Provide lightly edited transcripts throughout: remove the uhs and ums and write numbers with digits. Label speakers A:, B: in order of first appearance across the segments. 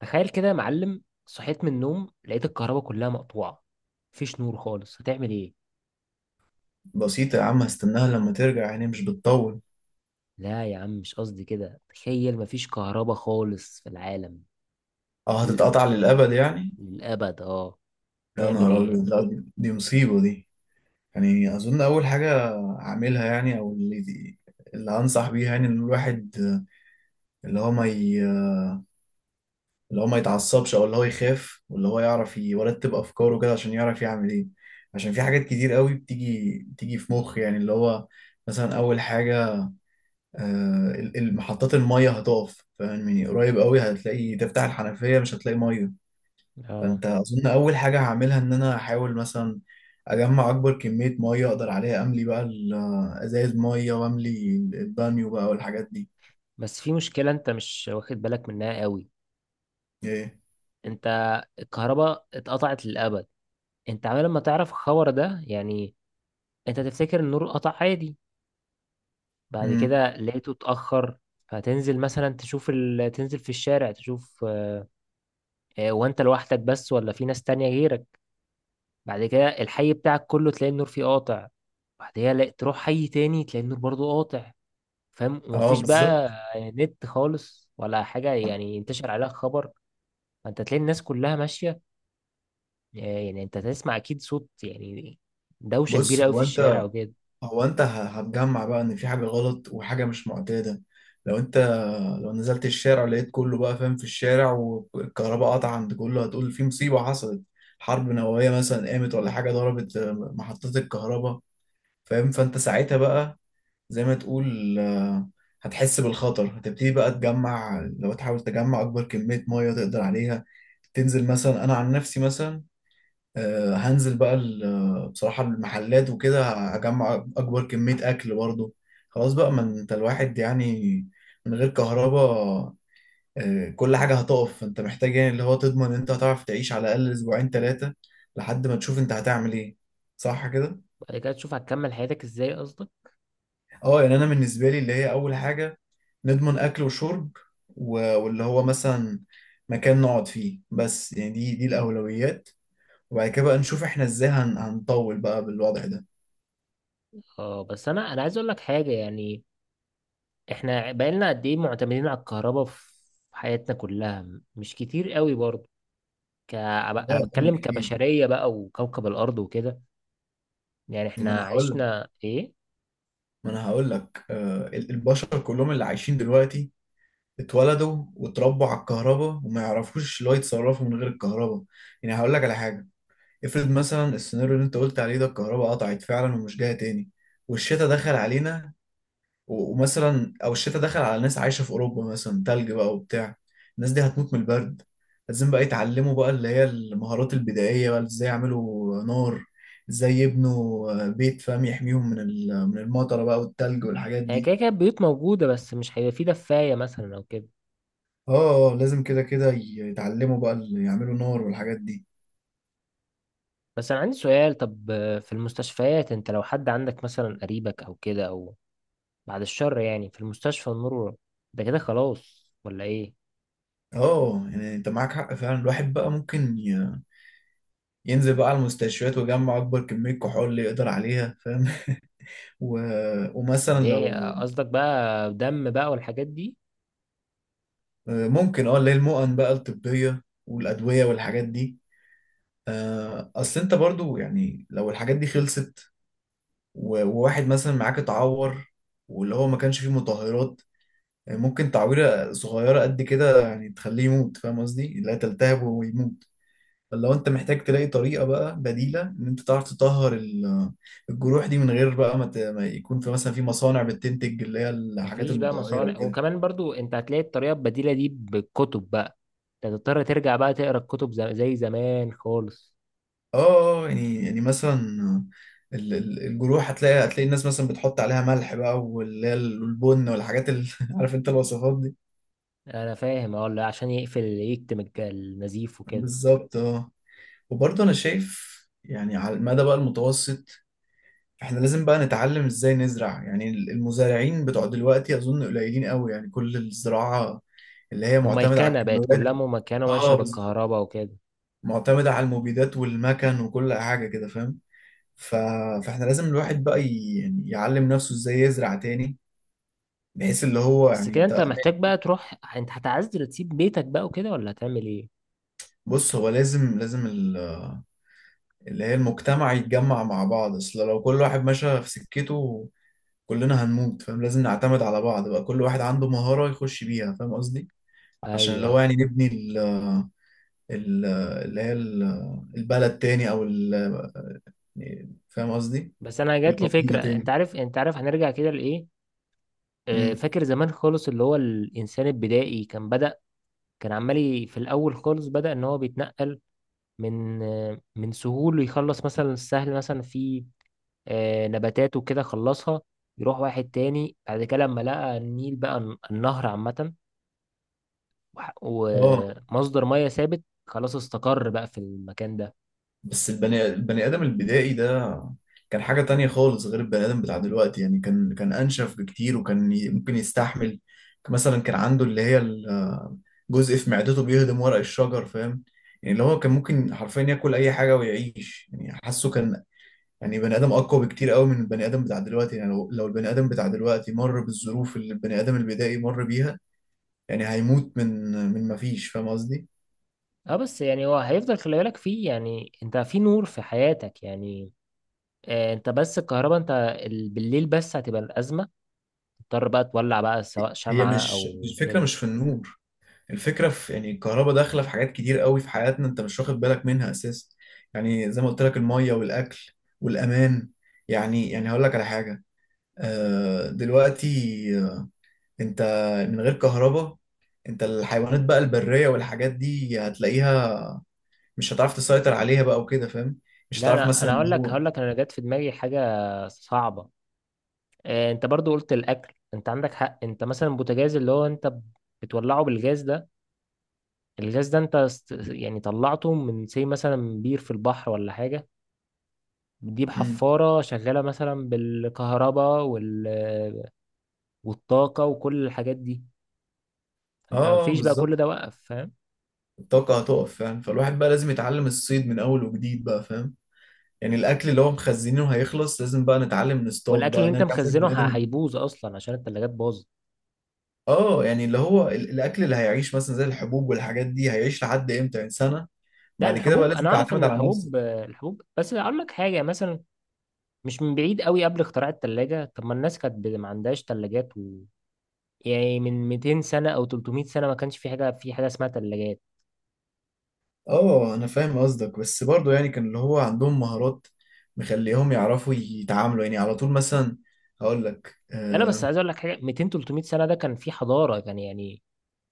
A: تخيل كده يا معلم، صحيت من النوم لقيت الكهرباء كلها مقطوعة. مفيش نور خالص. هتعمل ايه؟
B: بسيطة يا عم، هستناها لما ترجع، يعني مش بتطول.
A: لا يا عم، مش قصدي كده. تخيل مفيش كهرباء خالص في العالم
B: اه،
A: ل-
B: هتتقطع للأبد يعني.
A: للأبد، اه.
B: يا
A: تعمل
B: نهار
A: ايه؟
B: أبيض، لا، دي مصيبة دي. يعني أظن أول حاجة أعملها، يعني، أو اللي أنصح بيها، يعني، إن الواحد اللي هو ما ي... اللي هو ما يتعصبش، أو اللي هو يخاف، واللي هو يعرف يرتب أفكاره كده عشان يعرف يعمل إيه. عشان في حاجات كتير قوي بتيجي في مخ، يعني اللي هو مثلا أول حاجة، محطات المية هتقف، فاهمني؟ قريب قوي هتلاقي تفتح الحنفية مش هتلاقي مية.
A: اه،
B: فانت اظن اول حاجه هعملها ان انا احاول مثلا اجمع اكبر كميه ميه اقدر عليها، املي بقى ازايز ميه واملي البانيو بقى والحاجات دي.
A: بس في مشكلة انت مش واخد بالك منها قوي.
B: ايه؟
A: انت الكهرباء اتقطعت للأبد، انت عمال ما تعرف الخبر ده يعني. انت تفتكر النور قطع عادي، بعد
B: امم.
A: كده لقيته اتأخر. فتنزل مثلا تشوف تنزل في الشارع تشوف. وانت لوحدك بس ولا في ناس تانية غيرك؟ بعد كده الحي بتاعك كله تلاقي النور فيه قاطع. بعدها تروح حي تاني تلاقي النور برضو قاطع، فاهم؟
B: اه
A: ومفيش
B: بالظبط.
A: بقى نت خالص ولا حاجة يعني ينتشر عليها خبر. فانت تلاقي الناس كلها ماشية. يعني انت تسمع اكيد صوت، يعني دوشة كبيرة
B: بص،
A: قوي في الشارع وكده.
B: هتجمع بقى ان في حاجه غلط وحاجه مش معتاده. لو انت لو نزلت الشارع لقيت كله بقى فاهم في الشارع، والكهرباء قطع عند كله، هتقول في مصيبه حصلت، حرب نوويه مثلا قامت ولا حاجه ضربت محطات الكهرباء، فاهم؟ فانت ساعتها بقى، زي ما تقول، هتحس بالخطر، هتبتدي بقى تجمع، لو تحاول تجمع أكبر كمية مية تقدر عليها. تنزل مثلا، أنا عن نفسي مثلا، هنزل بقى بصراحة المحلات وكده هجمع أكبر كمية أكل برضه. خلاص بقى، ما أنت الواحد يعني من غير كهرباء، كل حاجة هتقف، فأنت محتاج يعني اللي هو تضمن إن أنت هتعرف تعيش على الأقل أسبوعين تلاتة لحد ما تشوف أنت هتعمل إيه. صح كده؟
A: بعد كده تشوف هتكمل حياتك ازاي، قصدك؟
B: اه، يعني انا بالنسبه لي اللي هي اول حاجه نضمن اكل وشرب، و- واللي هو مثلا مكان نقعد فيه بس، يعني دي الاولويات، وبعد كده بقى نشوف احنا ازاي هنطول بقى بالوضع ده.
A: اه، بس انا عايز اقول لك حاجة يعني. احنا بقالنا قد ايه معتمدين على الكهرباء في حياتنا كلها؟ مش كتير قوي برضه.
B: لا
A: انا
B: يا عم
A: بتكلم
B: كتير.
A: كبشريه بقى وكوكب الارض وكده. يعني
B: ما
A: احنا
B: انا هقول لك
A: عشنا ايه؟
B: ما انا هقول لك البشر كلهم اللي عايشين دلوقتي اتولدوا واتربوا على الكهرباء وما يعرفوش اللي هو يتصرفوا من غير الكهرباء. يعني هقول لك على حاجه، افرض مثلا السيناريو اللي انت قلت عليه ده، الكهرباء قطعت فعلا ومش جايه تاني والشتاء دخل علينا، و- ومثلا او الشتاء دخل على ناس عايشه في اوروبا مثلا، تلج بقى وبتاع، الناس دي هتموت من البرد. لازم بقى يتعلموا بقى اللي هي المهارات البدائيه بقى، ازاي يعملوا نار، ازاي يبنوا بيت فاهم يحميهم من من المطره بقى والتلج والحاجات
A: هي
B: دي.
A: كده كده البيوت موجوده، بس مش هيبقى في دفايه مثلا او كده.
B: اه، لازم كده كده يتعلموا بقى اللي يعملوا نار والحاجات دي.
A: بس انا عندي سؤال. طب في المستشفيات، انت لو حد عندك مثلا قريبك او كده، او بعد الشر يعني، في المستشفى النور ده كده خلاص ولا ايه؟
B: اه، يعني انت معاك حق فعلا، الواحد بقى ممكن ينزل بقى على المستشفيات ويجمع اكبر كميه كحول اللي يقدر عليها، فاهم؟ و... ومثلا
A: ليه؟
B: لو،
A: قصدك بقى دم بقى والحاجات دي.
B: ممكن اه اللي هي المؤن بقى الطبية والأدوية والحاجات دي. أصل أنت برضو يعني لو الحاجات دي خلصت و- وواحد مثلا معاك اتعور، واللي هو ما كانش فيه مطهرات، ممكن تعويرة صغيرة قد كده يعني تخليه يموت، فاهم قصدي؟ لا، تلتهب ويموت. فلو أنت محتاج تلاقي طريقة بقى بديلة إن أنت تعرف تطهر الجروح دي، من غير بقى ما ما يكون في مثلا في مصانع بتنتج اللي هي الحاجات
A: مفيش بقى
B: المطهرة
A: مصانع،
B: وكده.
A: وكمان برضو انت هتلاقي الطريقه البديله دي بالكتب بقى. انت هتضطر ترجع بقى تقرا الكتب زي زمان خالص.
B: اه، اه، يعني مثلا الجروح، هتلاقي الناس مثلا بتحط عليها ملح بقى واللي هي البن والحاجات اللي عارف انت الوصفات دي.
A: انا فاهم، اه، اللي عشان يقفل يكتم النزيف وكده.
B: بالظبط اه. وبرضه انا شايف يعني على المدى بقى المتوسط، احنا لازم بقى نتعلم ازاي نزرع، يعني المزارعين بتوع دلوقتي اظن قليلين قوي، يعني كل الزراعة اللي هي معتمدة على
A: مميكنه بقت،
B: الكيماويات.
A: كلها مميكنه ماشيه
B: اه بالظبط،
A: بالكهرباء وكده.
B: معتمدة على المبيدات والمكن وكل حاجة كده، فاهم؟ ف... فاحنا لازم الواحد بقى يعني يعلم نفسه ازاي يزرع تاني، بحيث اللي هو
A: بس
B: يعني
A: كده
B: انت.
A: انت محتاج بقى تروح، انت هتعزل تسيب بيتك بقى وكده ولا هتعمل ايه؟
B: بص، هو لازم اللي هي المجتمع يتجمع مع بعض، اصل لو كل واحد ماشي في سكته كلنا هنموت، فاهم؟ لازم نعتمد على بعض بقى، كل واحد عنده مهارة يخش بيها، فاهم قصدي؟ عشان اللي هو
A: ايوه،
B: يعني نبني ال- اللي هي البلد تاني، او يعني فاهم قصدي،
A: بس انا جات لي
B: القبيلة
A: فكره. انت
B: تاني.
A: عارف انت عارف هنرجع كده لايه؟
B: امم.
A: فاكر زمان خالص اللي هو الانسان البدائي كان بدأ. كان عمال في الاول خالص بدأ ان هو بيتنقل من سهول، يخلص مثلا السهل مثلا في نباتات وكده خلصها، يروح واحد تاني. بعد كده لما لقى النيل بقى النهر عامة
B: اه،
A: ومصدر مية ثابت، خلاص استقر بقى في المكان ده.
B: بس البني آدم البدائي ده كان حاجة تانية خالص غير البني آدم بتاع دلوقتي، يعني كان أنشف بكتير، وكان ممكن يستحمل. مثلا كان عنده اللي هي الجزء في معدته بيهضم ورق الشجر، فاهم؟ يعني اللي هو كان ممكن حرفيا ياكل أي حاجة ويعيش، يعني حاسه كان يعني بني آدم أقوى بكتير قوي من البني آدم بتاع دلوقتي. يعني لو البني آدم بتاع دلوقتي مر بالظروف اللي البني آدم البدائي مر بيها، يعني هيموت من مفيش، فاهم قصدي؟
A: اه، بس يعني هو هيفضل. خلي بالك فيه، يعني انت في نور في حياتك يعني. انت بس الكهرباء انت بالليل بس هتبقى الأزمة. تضطر بقى تولع بقى، سواء
B: هي
A: شمعة
B: مش
A: او
B: الفكرة
A: كده.
B: مش في النور، الفكرة في، يعني، الكهرباء داخلة في حاجات كتير قوي في حياتنا انت مش واخد بالك منها اساسا. يعني زي ما قلت لك، المية والاكل والامان. يعني هقول لك على حاجة، دلوقتي، آه، انت من غير كهرباء، انت الحيوانات بقى البرية والحاجات دي هتلاقيها مش هتعرف تسيطر عليها بقى وكده، فاهم؟ مش
A: لا،
B: هتعرف
A: انا
B: مثلا
A: انا هقول
B: اللي
A: لك
B: هو.
A: هقول لك انا جت في دماغي حاجة صعبة. انت برضو قلت الاكل، انت عندك حق. انت مثلا البوتاجاز اللي هو انت بتولعه بالجاز ده. الجاز ده انت يعني طلعته من زي مثلا بير في البحر ولا حاجة. بتجيب
B: مم.
A: حفارة شغالة مثلا بالكهرباء والطاقة وكل الحاجات دي. انت
B: اه
A: مفيش بقى، كل
B: بالظبط،
A: ده وقف، فاهم؟
B: الطاقة هتقف، فاهم؟ فالواحد بقى لازم يتعلم الصيد من اول وجديد بقى، فاهم؟ يعني الاكل اللي هو مخزنينه هيخلص، لازم بقى نتعلم نصطاد
A: والاكل
B: بقى
A: اللي انت
B: نرجع زي
A: مخزنه
B: البني ادم.
A: هيبوظ اصلا عشان التلاجات باظت.
B: اه، يعني اللي هو الاكل اللي هيعيش مثلا زي الحبوب والحاجات دي هيعيش لحد امتى؟ يعني سنه،
A: لا،
B: بعد كده بقى
A: الحبوب
B: لازم
A: انا اعرف ان
B: تعتمد على نفسك.
A: الحبوب. بس اقول لك حاجه مثلا، مش من بعيد قوي قبل اختراع التلاجة. طب ما الناس كانت ما عندهاش تلاجات. يعني من 200 سنة أو 300 سنة ما كانش في حاجة اسمها تلاجات.
B: اه انا فاهم قصدك، بس برضو يعني كان اللي هو عندهم مهارات مخليهم يعرفوا يتعاملوا، يعني على طول مثلا هقول لك
A: أنا بس
B: آه.
A: عايز أقول لك حاجة، 200 300 سنة ده كان في حضارة، كان يعني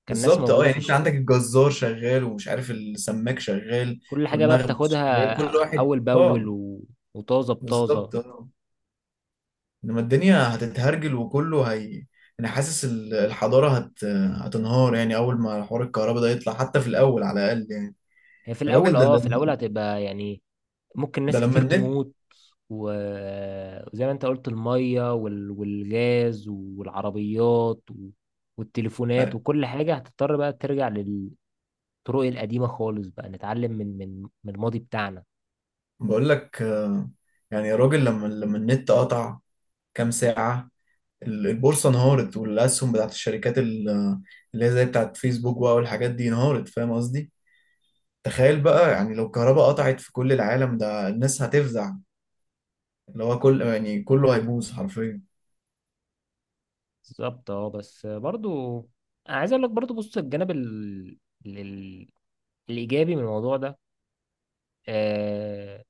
A: كان ناس
B: بالظبط اه،
A: موجودة
B: يعني
A: في
B: انت عندك الجزار شغال، ومش عارف، السماك شغال،
A: كل حاجة بقى
B: والمخبز شغال،
A: بتاخدها
B: كل واحد،
A: أول بأول
B: اه.
A: وطازة بطازة.
B: بالظبط اه، انما الدنيا هتتهرجل وكله، هي، انا حاسس الحضاره هتنهار، يعني اول ما حوار الكهرباء ده يطلع حتى في الاول على الاقل يعني.
A: هي في الأول
B: الراجل ده
A: أه في الأول هتبقى يعني ممكن
B: ده
A: ناس
B: لما
A: كتير
B: النت.
A: تموت. و... وزي ما أنت قلت، المية والغاز والعربيات والتليفونات وكل حاجة هتضطر بقى ترجع للطرق القديمة خالص. بقى نتعلم من الماضي بتاعنا.
B: بقول لك آه، يعني يا راجل، لما النت قطع كام ساعه البورصه انهارت، والاسهم بتاعت الشركات اللي هي زي بتاعت فيسبوك بقى والحاجات دي انهارت، فاهم قصدي؟ تخيل بقى يعني لو الكهرباء قطعت في كل العالم، ده الناس هتفزع، اللي هو كل، يعني، كله هيبوظ حرفيا.
A: بالظبط، اه، بس برضو انا عايز اقول لك برضو، بص الجانب ال... الايجابي من الموضوع ده. آه...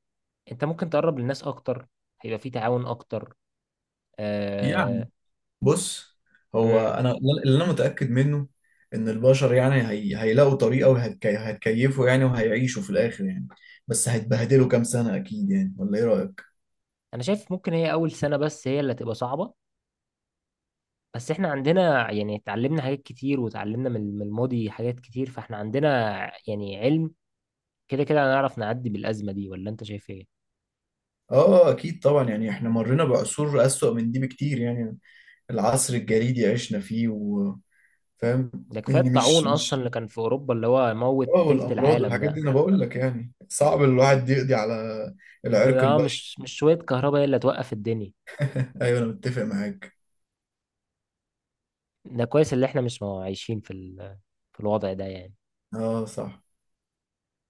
A: انت ممكن تقرب للناس اكتر، هيبقى في تعاون اكتر. آه...
B: بص، هو
A: مم.
B: انا اللي انا متاكد منه ان البشر يعني هيلاقوا طريقه وهيتكيفوا، يعني وهيعيشوا في الاخر يعني، بس هيتبهدلوا كام سنه اكيد، يعني، ولا ايه رايك؟
A: انا شايف ممكن هي اول سنة بس هي اللي هتبقى صعبة. بس احنا عندنا يعني اتعلمنا حاجات كتير، وتعلمنا من الماضي حاجات كتير، فاحنا عندنا يعني علم. كده كده هنعرف نعدي بالأزمة دي، ولا انت شايف ايه؟
B: اه اكيد طبعا، يعني احنا مرينا بعصور اسوأ من دي بكتير، يعني العصر الجليدي عشنا فيه فاهم؟
A: ده كفاية
B: يعني مش
A: الطاعون اصلا
B: مش
A: اللي كان في اوروبا، اللي هو موت
B: اه،
A: تلت
B: والامراض
A: العالم
B: والحاجات دي،
A: ده.
B: انا بقول لك يعني صعب الواحد يقضي على العرق
A: اه،
B: البشري.
A: مش شوية كهرباء هي اللي هتوقف الدنيا.
B: ايوه انا متفق معاك.
A: ده كويس اللي احنا مش عايشين في في الوضع ده يعني.
B: اه صح.